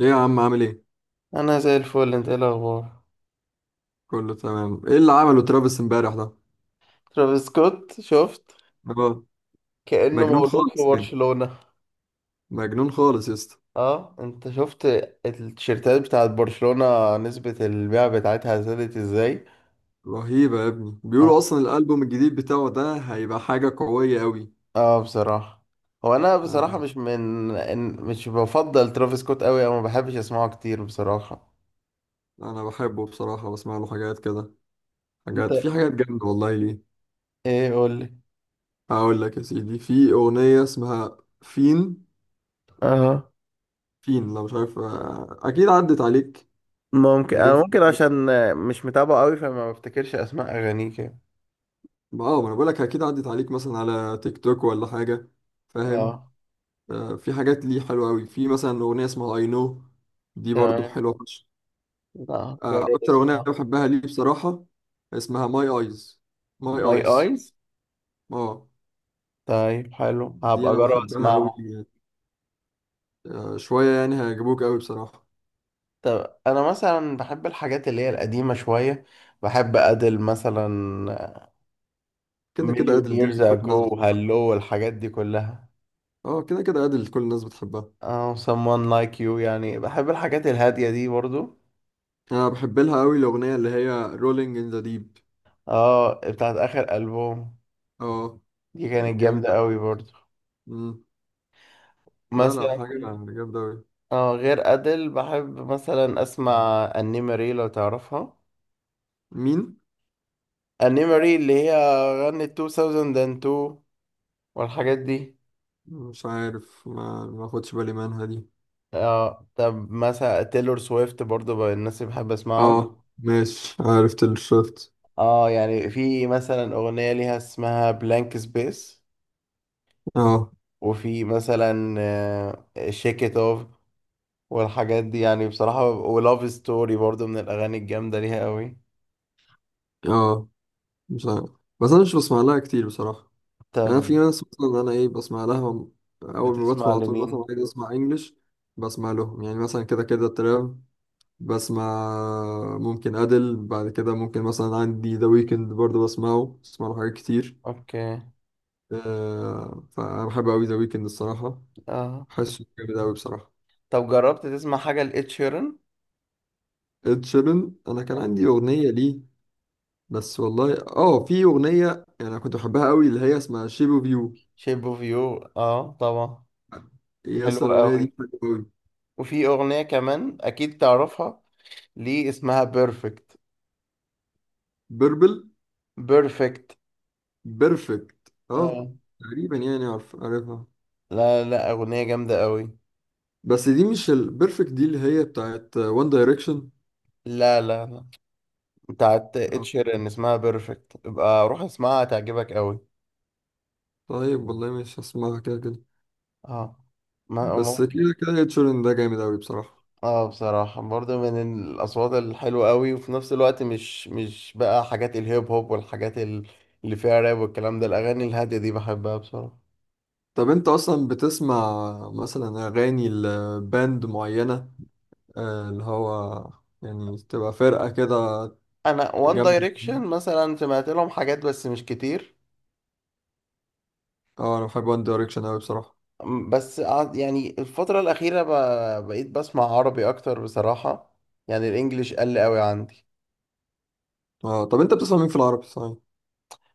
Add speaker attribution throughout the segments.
Speaker 1: ايه يا عم، عامل ايه؟
Speaker 2: انا زي الفل. انت ايه الاخبار؟
Speaker 1: كله تمام. ايه اللي عمله ترافيس امبارح ده؟
Speaker 2: ترافيس سكوت شفت؟
Speaker 1: اه،
Speaker 2: كأنه
Speaker 1: مجنون
Speaker 2: مولود في
Speaker 1: خالص يعني.
Speaker 2: برشلونة.
Speaker 1: مجنون خالص يا اسطى.
Speaker 2: اه، انت شفت التيشيرتات بتاعت برشلونة نسبة البيع بتاعتها زادت ازاي؟
Speaker 1: رهيبة يا ابني، بيقولوا
Speaker 2: اه.
Speaker 1: اصلا الالبوم الجديد بتاعه ده هيبقى حاجة قوية قوي.
Speaker 2: اه، بصراحة. هو انا
Speaker 1: انا
Speaker 2: بصراحة مش من إن- مش بفضل ترافيس سكوت قوي او ما بحبش اسمعه كتير بصراحة.
Speaker 1: انا بحبه بصراحة، بسمع له حاجات كده.
Speaker 2: انت
Speaker 1: في حاجات جامدة والله ليه.
Speaker 2: ايه؟ قولي.
Speaker 1: هقول لك يا سيدي، في اغنية اسمها فين.
Speaker 2: اه،
Speaker 1: فين لو مش عارف، اكيد عدت عليك.
Speaker 2: ممكن
Speaker 1: مليون
Speaker 2: انا
Speaker 1: في
Speaker 2: ممكن
Speaker 1: المية.
Speaker 2: عشان مش متابعه قوي فما بفتكرش اسماء اغانيه كده.
Speaker 1: اه، ما انا بقول لك اكيد عدت عليك مثلا على تيك توك ولا حاجة. فاهم.
Speaker 2: اه،
Speaker 1: في حاجات ليه حلوة أوي، في مثلا أغنية اسمها I know. دي برضو
Speaker 2: تمام.
Speaker 1: حلوة فشخ.
Speaker 2: لا، جرب
Speaker 1: أكتر أغنية
Speaker 2: اسمع.
Speaker 1: بحبها ليه بصراحة اسمها My Eyes. My
Speaker 2: ماي
Speaker 1: Eyes.
Speaker 2: ايز.
Speaker 1: اه.
Speaker 2: طيب حلو،
Speaker 1: دي
Speaker 2: هبقى
Speaker 1: أنا
Speaker 2: اجرب
Speaker 1: بحبها أوي
Speaker 2: اسمعه.
Speaker 1: يعني. شوية يعني هيعجبوك أوي بصراحة.
Speaker 2: طب انا مثلا بحب الحاجات اللي هي القديمه شويه. بحب ادل مثلا.
Speaker 1: كده كده
Speaker 2: مليون
Speaker 1: أدل،
Speaker 2: ييرز
Speaker 1: دي كل الناس
Speaker 2: اجو،
Speaker 1: بتحبها.
Speaker 2: هالو، الحاجات دي كلها.
Speaker 1: اه كده كده أدل كل الناس بتحبها.
Speaker 2: اه، someone like you، يعني بحب الحاجات الهاديه دي برضو.
Speaker 1: أنا بحب لها أوي الأغنية اللي هي Rolling in the Deep.
Speaker 2: اه، بتاعت اخر البوم.
Speaker 1: اه.
Speaker 2: دي كانت
Speaker 1: جامدة
Speaker 2: جامده قوي
Speaker 1: موت.
Speaker 2: برضو.
Speaker 1: مم. لا لا،
Speaker 2: مثلا
Speaker 1: حاجة جامدة أوي.
Speaker 2: اه، غير ادل بحب مثلا اسمع انيماري لو تعرفها.
Speaker 1: مين؟
Speaker 2: انيماري اللي هي غنت 2002 والحاجات دي.
Speaker 1: مش عارف، ما خدش بالي منها دي.
Speaker 2: اه، طب مثلا تيلور سويفت برضو بقى الناس اللي بحب اسمعهم.
Speaker 1: اه، ماشي، عارف تيلر سويفت.
Speaker 2: اه، يعني في مثلا اغنية ليها اسمها بلانك سبيس.
Speaker 1: اه.
Speaker 2: وفي مثلا شيك ات اوف والحاجات دي، يعني بصراحة ولاف ستوري برضو من الاغاني الجامدة ليها قوي.
Speaker 1: اه. مش عارف، بس انا مش بسمع لها كتير بصراحة. يعني أنا
Speaker 2: طب
Speaker 1: في ناس مثلا انا ايه بسمع لها. اول ما بدخل
Speaker 2: بتسمع
Speaker 1: على طول مثلا
Speaker 2: لمين؟
Speaker 1: عايز اسمع انجلش. بسمع لهم يعني مثلا كده كده تراب. بسمع. ممكن ادل بعد كده، ممكن مثلا عندي ذا ويكند برضه بسمعه. بسمع له حاجات كتير.
Speaker 2: اوكي.
Speaker 1: فانا بحب قوي ذا ويكند الصراحة.
Speaker 2: اه،
Speaker 1: حاسه جامد قوي بصراحة.
Speaker 2: طب جربت تسمع حاجة لإد شيران؟
Speaker 1: اد شيران انا كان عندي اغنية ليه. بس والله، في اغنيه يعني، انا كنت بحبها قوي اللي هي اسمها شيب اوف يو.
Speaker 2: شيب اوف يو، اه، طبعا.
Speaker 1: هي
Speaker 2: حلو
Speaker 1: اصلا الاغنيه
Speaker 2: قوي.
Speaker 1: دي حلوه قوي.
Speaker 2: وفي اغنية كمان اكيد تعرفها، ليه اسمها بيرفكت.
Speaker 1: بيربل.
Speaker 2: بيرفكت،
Speaker 1: بيرفكت اه.
Speaker 2: اه.
Speaker 1: تقريبا يعني، عارفها.
Speaker 2: لا لا، اغنيه جامده قوي.
Speaker 1: بس دي مش البيرفكت دي اللي هي بتاعت وان دايركشن.
Speaker 2: لا لا لا، بتاعت
Speaker 1: اه.
Speaker 2: اتشير ان اسمها بيرفكت. ابقى روح اسمعها هتعجبك قوي.
Speaker 1: طيب والله مش هسمعها كده كده.
Speaker 2: اه. ما
Speaker 1: بس
Speaker 2: ما-
Speaker 1: كده كده هيتشورن ده جامد قوي بصراحه.
Speaker 2: اه، بصراحه برضو من الاصوات الحلوه قوي، وفي نفس الوقت مش بقى حاجات الهيب هوب والحاجات اللي فيها راب والكلام ده، الاغاني الهاديه دي بحبها بصراحه.
Speaker 1: طب انت اصلا بتسمع مثلا اغاني لباند معينه، اللي هو يعني تبقى فرقه كده.
Speaker 2: انا وان
Speaker 1: جنب.
Speaker 2: دايركشن مثلا سمعت لهم حاجات بس مش كتير.
Speaker 1: اه، انا بحب وان دايركشن قوي بصراحه.
Speaker 2: بس يعني الفترة الأخيرة بقيت بسمع عربي أكتر بصراحة. يعني الإنجليش قل قوي عندي.
Speaker 1: اه. طب انت بتسمع مين في العربي صحيح؟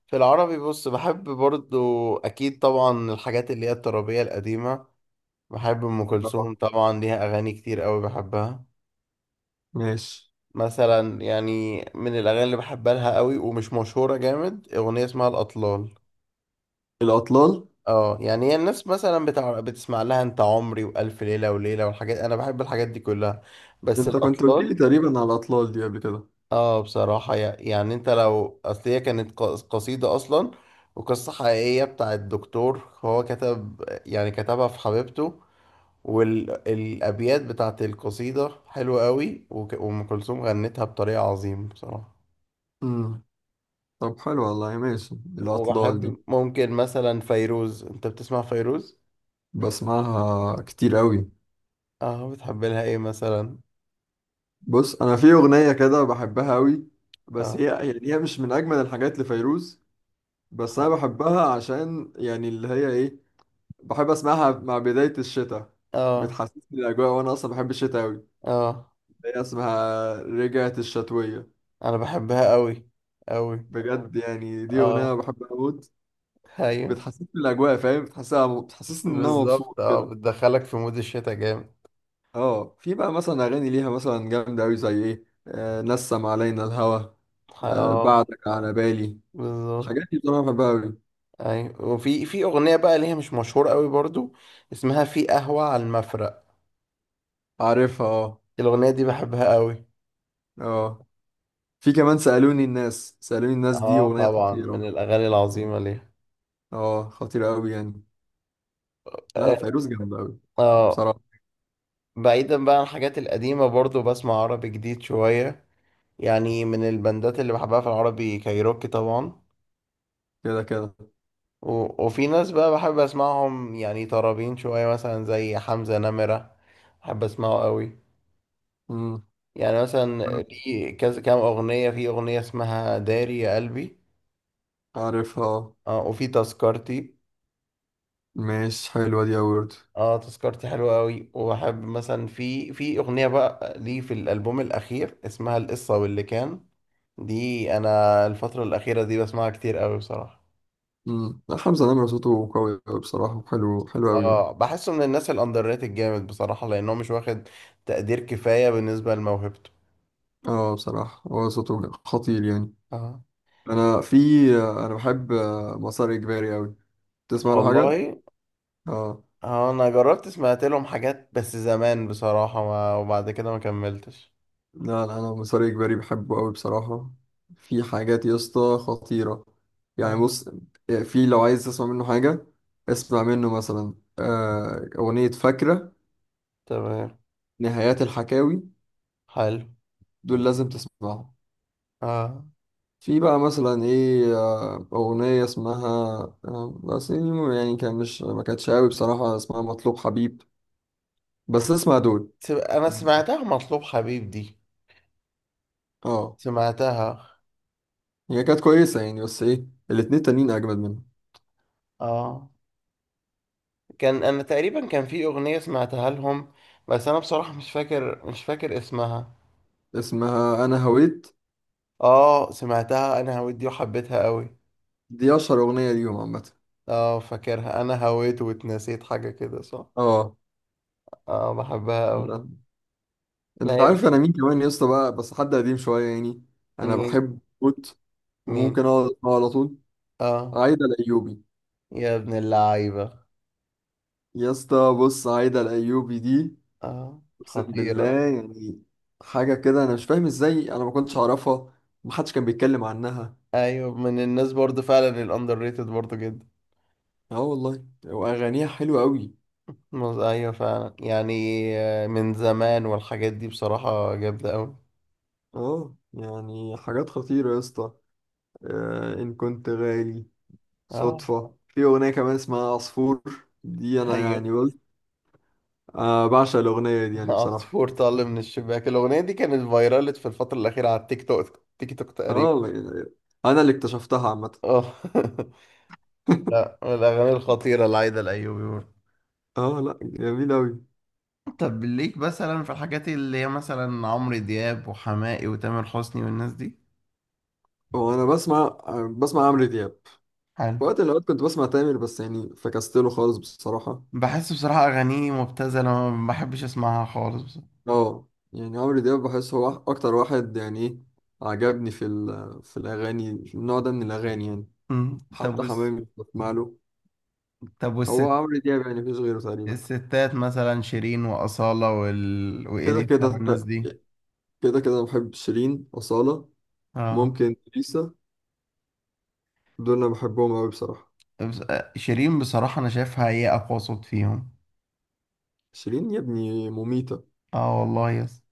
Speaker 2: في العربي بص، بحب برضو أكيد طبعا الحاجات اللي هي الترابية القديمة. بحب أم
Speaker 1: اه،
Speaker 2: كلثوم طبعا، ليها أغاني كتير قوي بحبها.
Speaker 1: ماشي
Speaker 2: مثلا يعني من الأغاني اللي بحبها لها قوي ومش مشهورة جامد، أغنية اسمها الأطلال.
Speaker 1: الاطلال.
Speaker 2: اه، يعني هي الناس مثلا بتسمع لها انت عمري والف ليله وليله والحاجات، انا بحب الحاجات دي كلها، بس
Speaker 1: انت كنت قلت
Speaker 2: الاطلال.
Speaker 1: لي تقريبا على الاطلال دي قبل كده.
Speaker 2: اه، بصراحة يعني انت لو اصل هي كانت قصيدة اصلا، وقصة حقيقية بتاع الدكتور، هو كتب يعني كتبها في حبيبته، والابيات بتاعت القصيدة حلوة قوي، وام كلثوم غنتها بطريقة عظيمة بصراحة.
Speaker 1: امم. طب حلو والله، ماشي الاطلال دي.
Speaker 2: وبحب ممكن مثلا فيروز، انت بتسمع فيروز؟
Speaker 1: بسمعها كتير قوي.
Speaker 2: اه، بتحب لها ايه مثلا؟
Speaker 1: بص انا في اغنيه كده بحبها قوي، بس هي
Speaker 2: اه.
Speaker 1: يعني هي مش من اجمل الحاجات لفيروز. بس انا بحبها عشان يعني اللي هي ايه، بحب اسمعها مع بدايه الشتاء.
Speaker 2: اه.
Speaker 1: بتحسسني الاجواء، وانا اصلا بحب الشتاء قوي.
Speaker 2: اه،
Speaker 1: هي اسمها رجعت الشتويه.
Speaker 2: انا بحبها قوي قوي.
Speaker 1: بجد يعني دي اغنيه
Speaker 2: اه،
Speaker 1: بحبها قوي.
Speaker 2: ايوه.
Speaker 1: بتحسسني بالاجواء، فاهم، بتحسسها، بتحسسني ان انا
Speaker 2: بالظبط،
Speaker 1: مبسوط
Speaker 2: اه
Speaker 1: كده.
Speaker 2: بتدخلك في مود الشتاء جامد.
Speaker 1: اه، في بقى مثلا اغاني ليها مثلا جامده قوي، زي ايه، نسم علينا الهوى،
Speaker 2: اه.
Speaker 1: بعدك على بالي.
Speaker 2: بالظبط.
Speaker 1: الحاجات دي بصراحه بحبها قوي.
Speaker 2: ايوه، وفي في اغنيه بقى ليها مش مشهوره قوي برضو، اسمها في قهوه على المفرق.
Speaker 1: عارفها اه.
Speaker 2: الاغنيه دي بحبها قوي.
Speaker 1: اه. في كمان سالوني الناس، سالوني الناس دي
Speaker 2: اه،
Speaker 1: اغنيه
Speaker 2: طبعا
Speaker 1: خطيره.
Speaker 2: من الاغاني العظيمه ليها.
Speaker 1: اه، خطيره قوي يعني. لا،
Speaker 2: اه.
Speaker 1: فيروز جامده قوي
Speaker 2: آه،
Speaker 1: بصراحه.
Speaker 2: بعيدا بقى عن الحاجات القديمه برضو بسمع عربي جديد شويه. يعني من البندات اللي بحبها في العربي كايروكي طبعا.
Speaker 1: كده كده.
Speaker 2: وفي ناس بقى بحب اسمعهم، يعني طرابين شويه مثلا زي حمزه نمره. بحب اسمعه قوي.
Speaker 1: امم.
Speaker 2: يعني مثلا في كذا كام اغنيه، في اغنيه اسمها داري يا قلبي.
Speaker 1: عارفها آه.
Speaker 2: اه، وفي تذكرتي.
Speaker 1: ماشي، حلوه دي قوي برضه.
Speaker 2: اه، تذكرتي حلوه قوي. وبحب مثلا في اغنيه بقى ليه في الالبوم الاخير اسمها القصه واللي كان. دي انا الفتره الاخيره دي بسمعها كتير قوي بصراحه.
Speaker 1: امم. حمزه نمره صوته قوي أوي بصراحه، حلو حلو قوي يعني.
Speaker 2: اه، بحسه من الناس الاندر ريتد جامد بصراحه لانه مش واخد تقدير كفايه بالنسبه لموهبته.
Speaker 1: اه، بصراحة هو صوته خطير يعني.
Speaker 2: اه،
Speaker 1: انا في انا بحب مسار اجباري اوي. تسمع له حاجة؟
Speaker 2: والله.
Speaker 1: اه.
Speaker 2: اه، انا جربت سمعت لهم حاجات بس زمان بصراحه، ما وبعد كده ما كملتش.
Speaker 1: لا لا، انا مسار اجباري بحبه اوي بصراحة. في حاجات يا اسطى خطيرة. يعني بص، في لو عايز تسمع منه حاجة، اسمع منه مثلا اغنية فاكرة،
Speaker 2: تمام.
Speaker 1: نهايات الحكاوي.
Speaker 2: حلو.
Speaker 1: دول لازم تسمعهم.
Speaker 2: اه،
Speaker 1: في بقى مثلا ايه، اغنية اسمها، بس يعني كان مش ما كانتش اوي بصراحة، اسمها مطلوب حبيب. بس اسمع دول.
Speaker 2: انا سمعتها مطلوب حبيب دي،
Speaker 1: اه.
Speaker 2: سمعتها.
Speaker 1: هي كانت كويسة يعني، بس ايه، الاتنين تانيين اجمد منها.
Speaker 2: اه، كان انا تقريبا كان في اغنية سمعتها لهم، بس انا بصراحة مش فاكر اسمها.
Speaker 1: اسمها انا هويت.
Speaker 2: اه، سمعتها انا هويت دي وحبيتها قوي.
Speaker 1: دي اشهر اغنية ليهم عامة.
Speaker 2: اه، فاكرها انا هويت واتنسيت حاجة كده، صح؟
Speaker 1: اه.
Speaker 2: اه، بحبها قوي.
Speaker 1: لا.
Speaker 2: لا
Speaker 1: انت
Speaker 2: هي
Speaker 1: عارف انا مين كمان يا اسطى بقى، بس حد قديم شوية يعني، انا
Speaker 2: مين؟
Speaker 1: بحب موت
Speaker 2: مين؟
Speaker 1: وممكن اقعد اسمعه على طول.
Speaker 2: اه،
Speaker 1: عايدة الايوبي.
Speaker 2: يا ابن اللعيبة.
Speaker 1: يا اسطى بص، عايدة الايوبي دي،
Speaker 2: اه،
Speaker 1: اقسم بالله،
Speaker 2: خطيرة.
Speaker 1: يعني حاجة كده انا مش فاهم ازاي انا ما كنتش اعرفها، محدش كان بيتكلم عنها.
Speaker 2: ايوه، من الناس برضو فعلا الاندر ريتد برضو جدا.
Speaker 1: اه والله، واغانيها حلوة قوي.
Speaker 2: ايوه فعلا يعني. من زمان والحاجات دي بصراحة جامدة أوي.
Speaker 1: اه، يعني حاجات خطيرة يا اسطى. ان كنت غالي،
Speaker 2: اه،
Speaker 1: صدفة. في اغنية كمان اسمها عصفور، دي انا
Speaker 2: ايوه.
Speaker 1: يعني قلت بعشق الاغنية دي يعني بصراحة.
Speaker 2: عصفور طل من الشباك، الأغنية دي كانت فايرالت في الفترة الأخيرة على التيك توك تقريبا.
Speaker 1: اه انا اللي اكتشفتها عامة.
Speaker 2: اه. لا، من الأغاني الخطيرة لعايدة الأيوبي برضه.
Speaker 1: اه لا، جميل اوي.
Speaker 2: طب ليك مثلا في الحاجات اللي هي مثلا عمرو دياب وحماقي وتامر حسني والناس دي؟
Speaker 1: وانا بسمع بسمع عمرو دياب.
Speaker 2: حلو.
Speaker 1: في وقت من الاوقات كنت بسمع تامر، بس يعني فكست له خالص بصراحة.
Speaker 2: بحس بصراحة أغانيه مبتذلة، ما بحبش أسمعها خالص بصراحة.
Speaker 1: اه. يعني عمرو دياب بحس هو اكتر واحد يعني ايه، عجبني في الاغاني، في النوع ده من الاغاني يعني.
Speaker 2: مم. طب
Speaker 1: حتى حمامي بسمع له.
Speaker 2: طب
Speaker 1: هو
Speaker 2: والست،
Speaker 1: عمرو دياب يعني مفيش غيره تقريبا.
Speaker 2: الستات مثلا شيرين وأصالة
Speaker 1: كده
Speaker 2: وإليسا
Speaker 1: كده
Speaker 2: والناس دي.
Speaker 1: كده كده أنا بحب شيرين، أصالة،
Speaker 2: اه،
Speaker 1: ممكن ليسا. دول أنا بحبهم أوي بصراحة.
Speaker 2: شيرين بصراحة أنا شايفها هي أقوى صوت فيهم.
Speaker 1: شيرين يا ابني مميتة.
Speaker 2: اه، والله يس.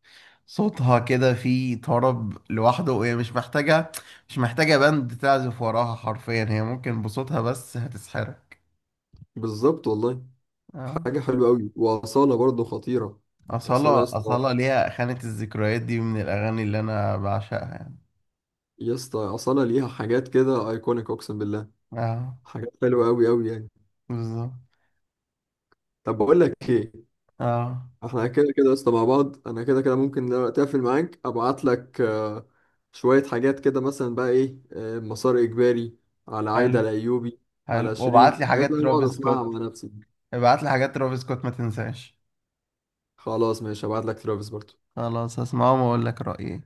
Speaker 2: صوتها كده فيه طرب لوحده وهي مش محتاجة. مش محتاجة باند تعزف وراها، حرفيا هي ممكن بصوتها بس هتسحرك.
Speaker 1: بالظبط والله.
Speaker 2: اه.
Speaker 1: حاجة حلوة أوي، وأصالة برضه خطيرة. يعني أصالة يا
Speaker 2: أصالة،
Speaker 1: اسطى،
Speaker 2: أصالة ليها خانة الذكريات دي من الأغاني اللي أنا بعشقها يعني.
Speaker 1: يا اسطى أصالة ليها حاجات كده أيكونيك، أقسم بالله.
Speaker 2: اه،
Speaker 1: حاجات حلوة أوي أوي يعني.
Speaker 2: بالظبط.
Speaker 1: طب بقول لك إيه،
Speaker 2: اه،
Speaker 1: احنا كده كده لسه مع بعض، انا كده كده ممكن دلوقتي اقفل معاك ابعت لك شوية حاجات كده، مثلا بقى ايه، مسار اجباري، على عايدة
Speaker 2: حلو.
Speaker 1: الايوبي،
Speaker 2: حلو،
Speaker 1: على شيرين،
Speaker 2: وابعت لي
Speaker 1: حاجات
Speaker 2: حاجات
Speaker 1: اللي انا بقعد
Speaker 2: ترافيس
Speaker 1: اسمعها مع
Speaker 2: سكوت.
Speaker 1: نفسي.
Speaker 2: ابعت لي حاجات ترافيس سكوت ما تنساش.
Speaker 1: خلاص ماشي، ابعت لك ترافيس برضو.
Speaker 2: خلاص، هسمعهم واقول لك رأيي.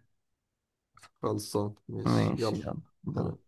Speaker 1: خلصان ماشي
Speaker 2: ماشي،
Speaker 1: يلا.
Speaker 2: يلا باي.
Speaker 1: سلام.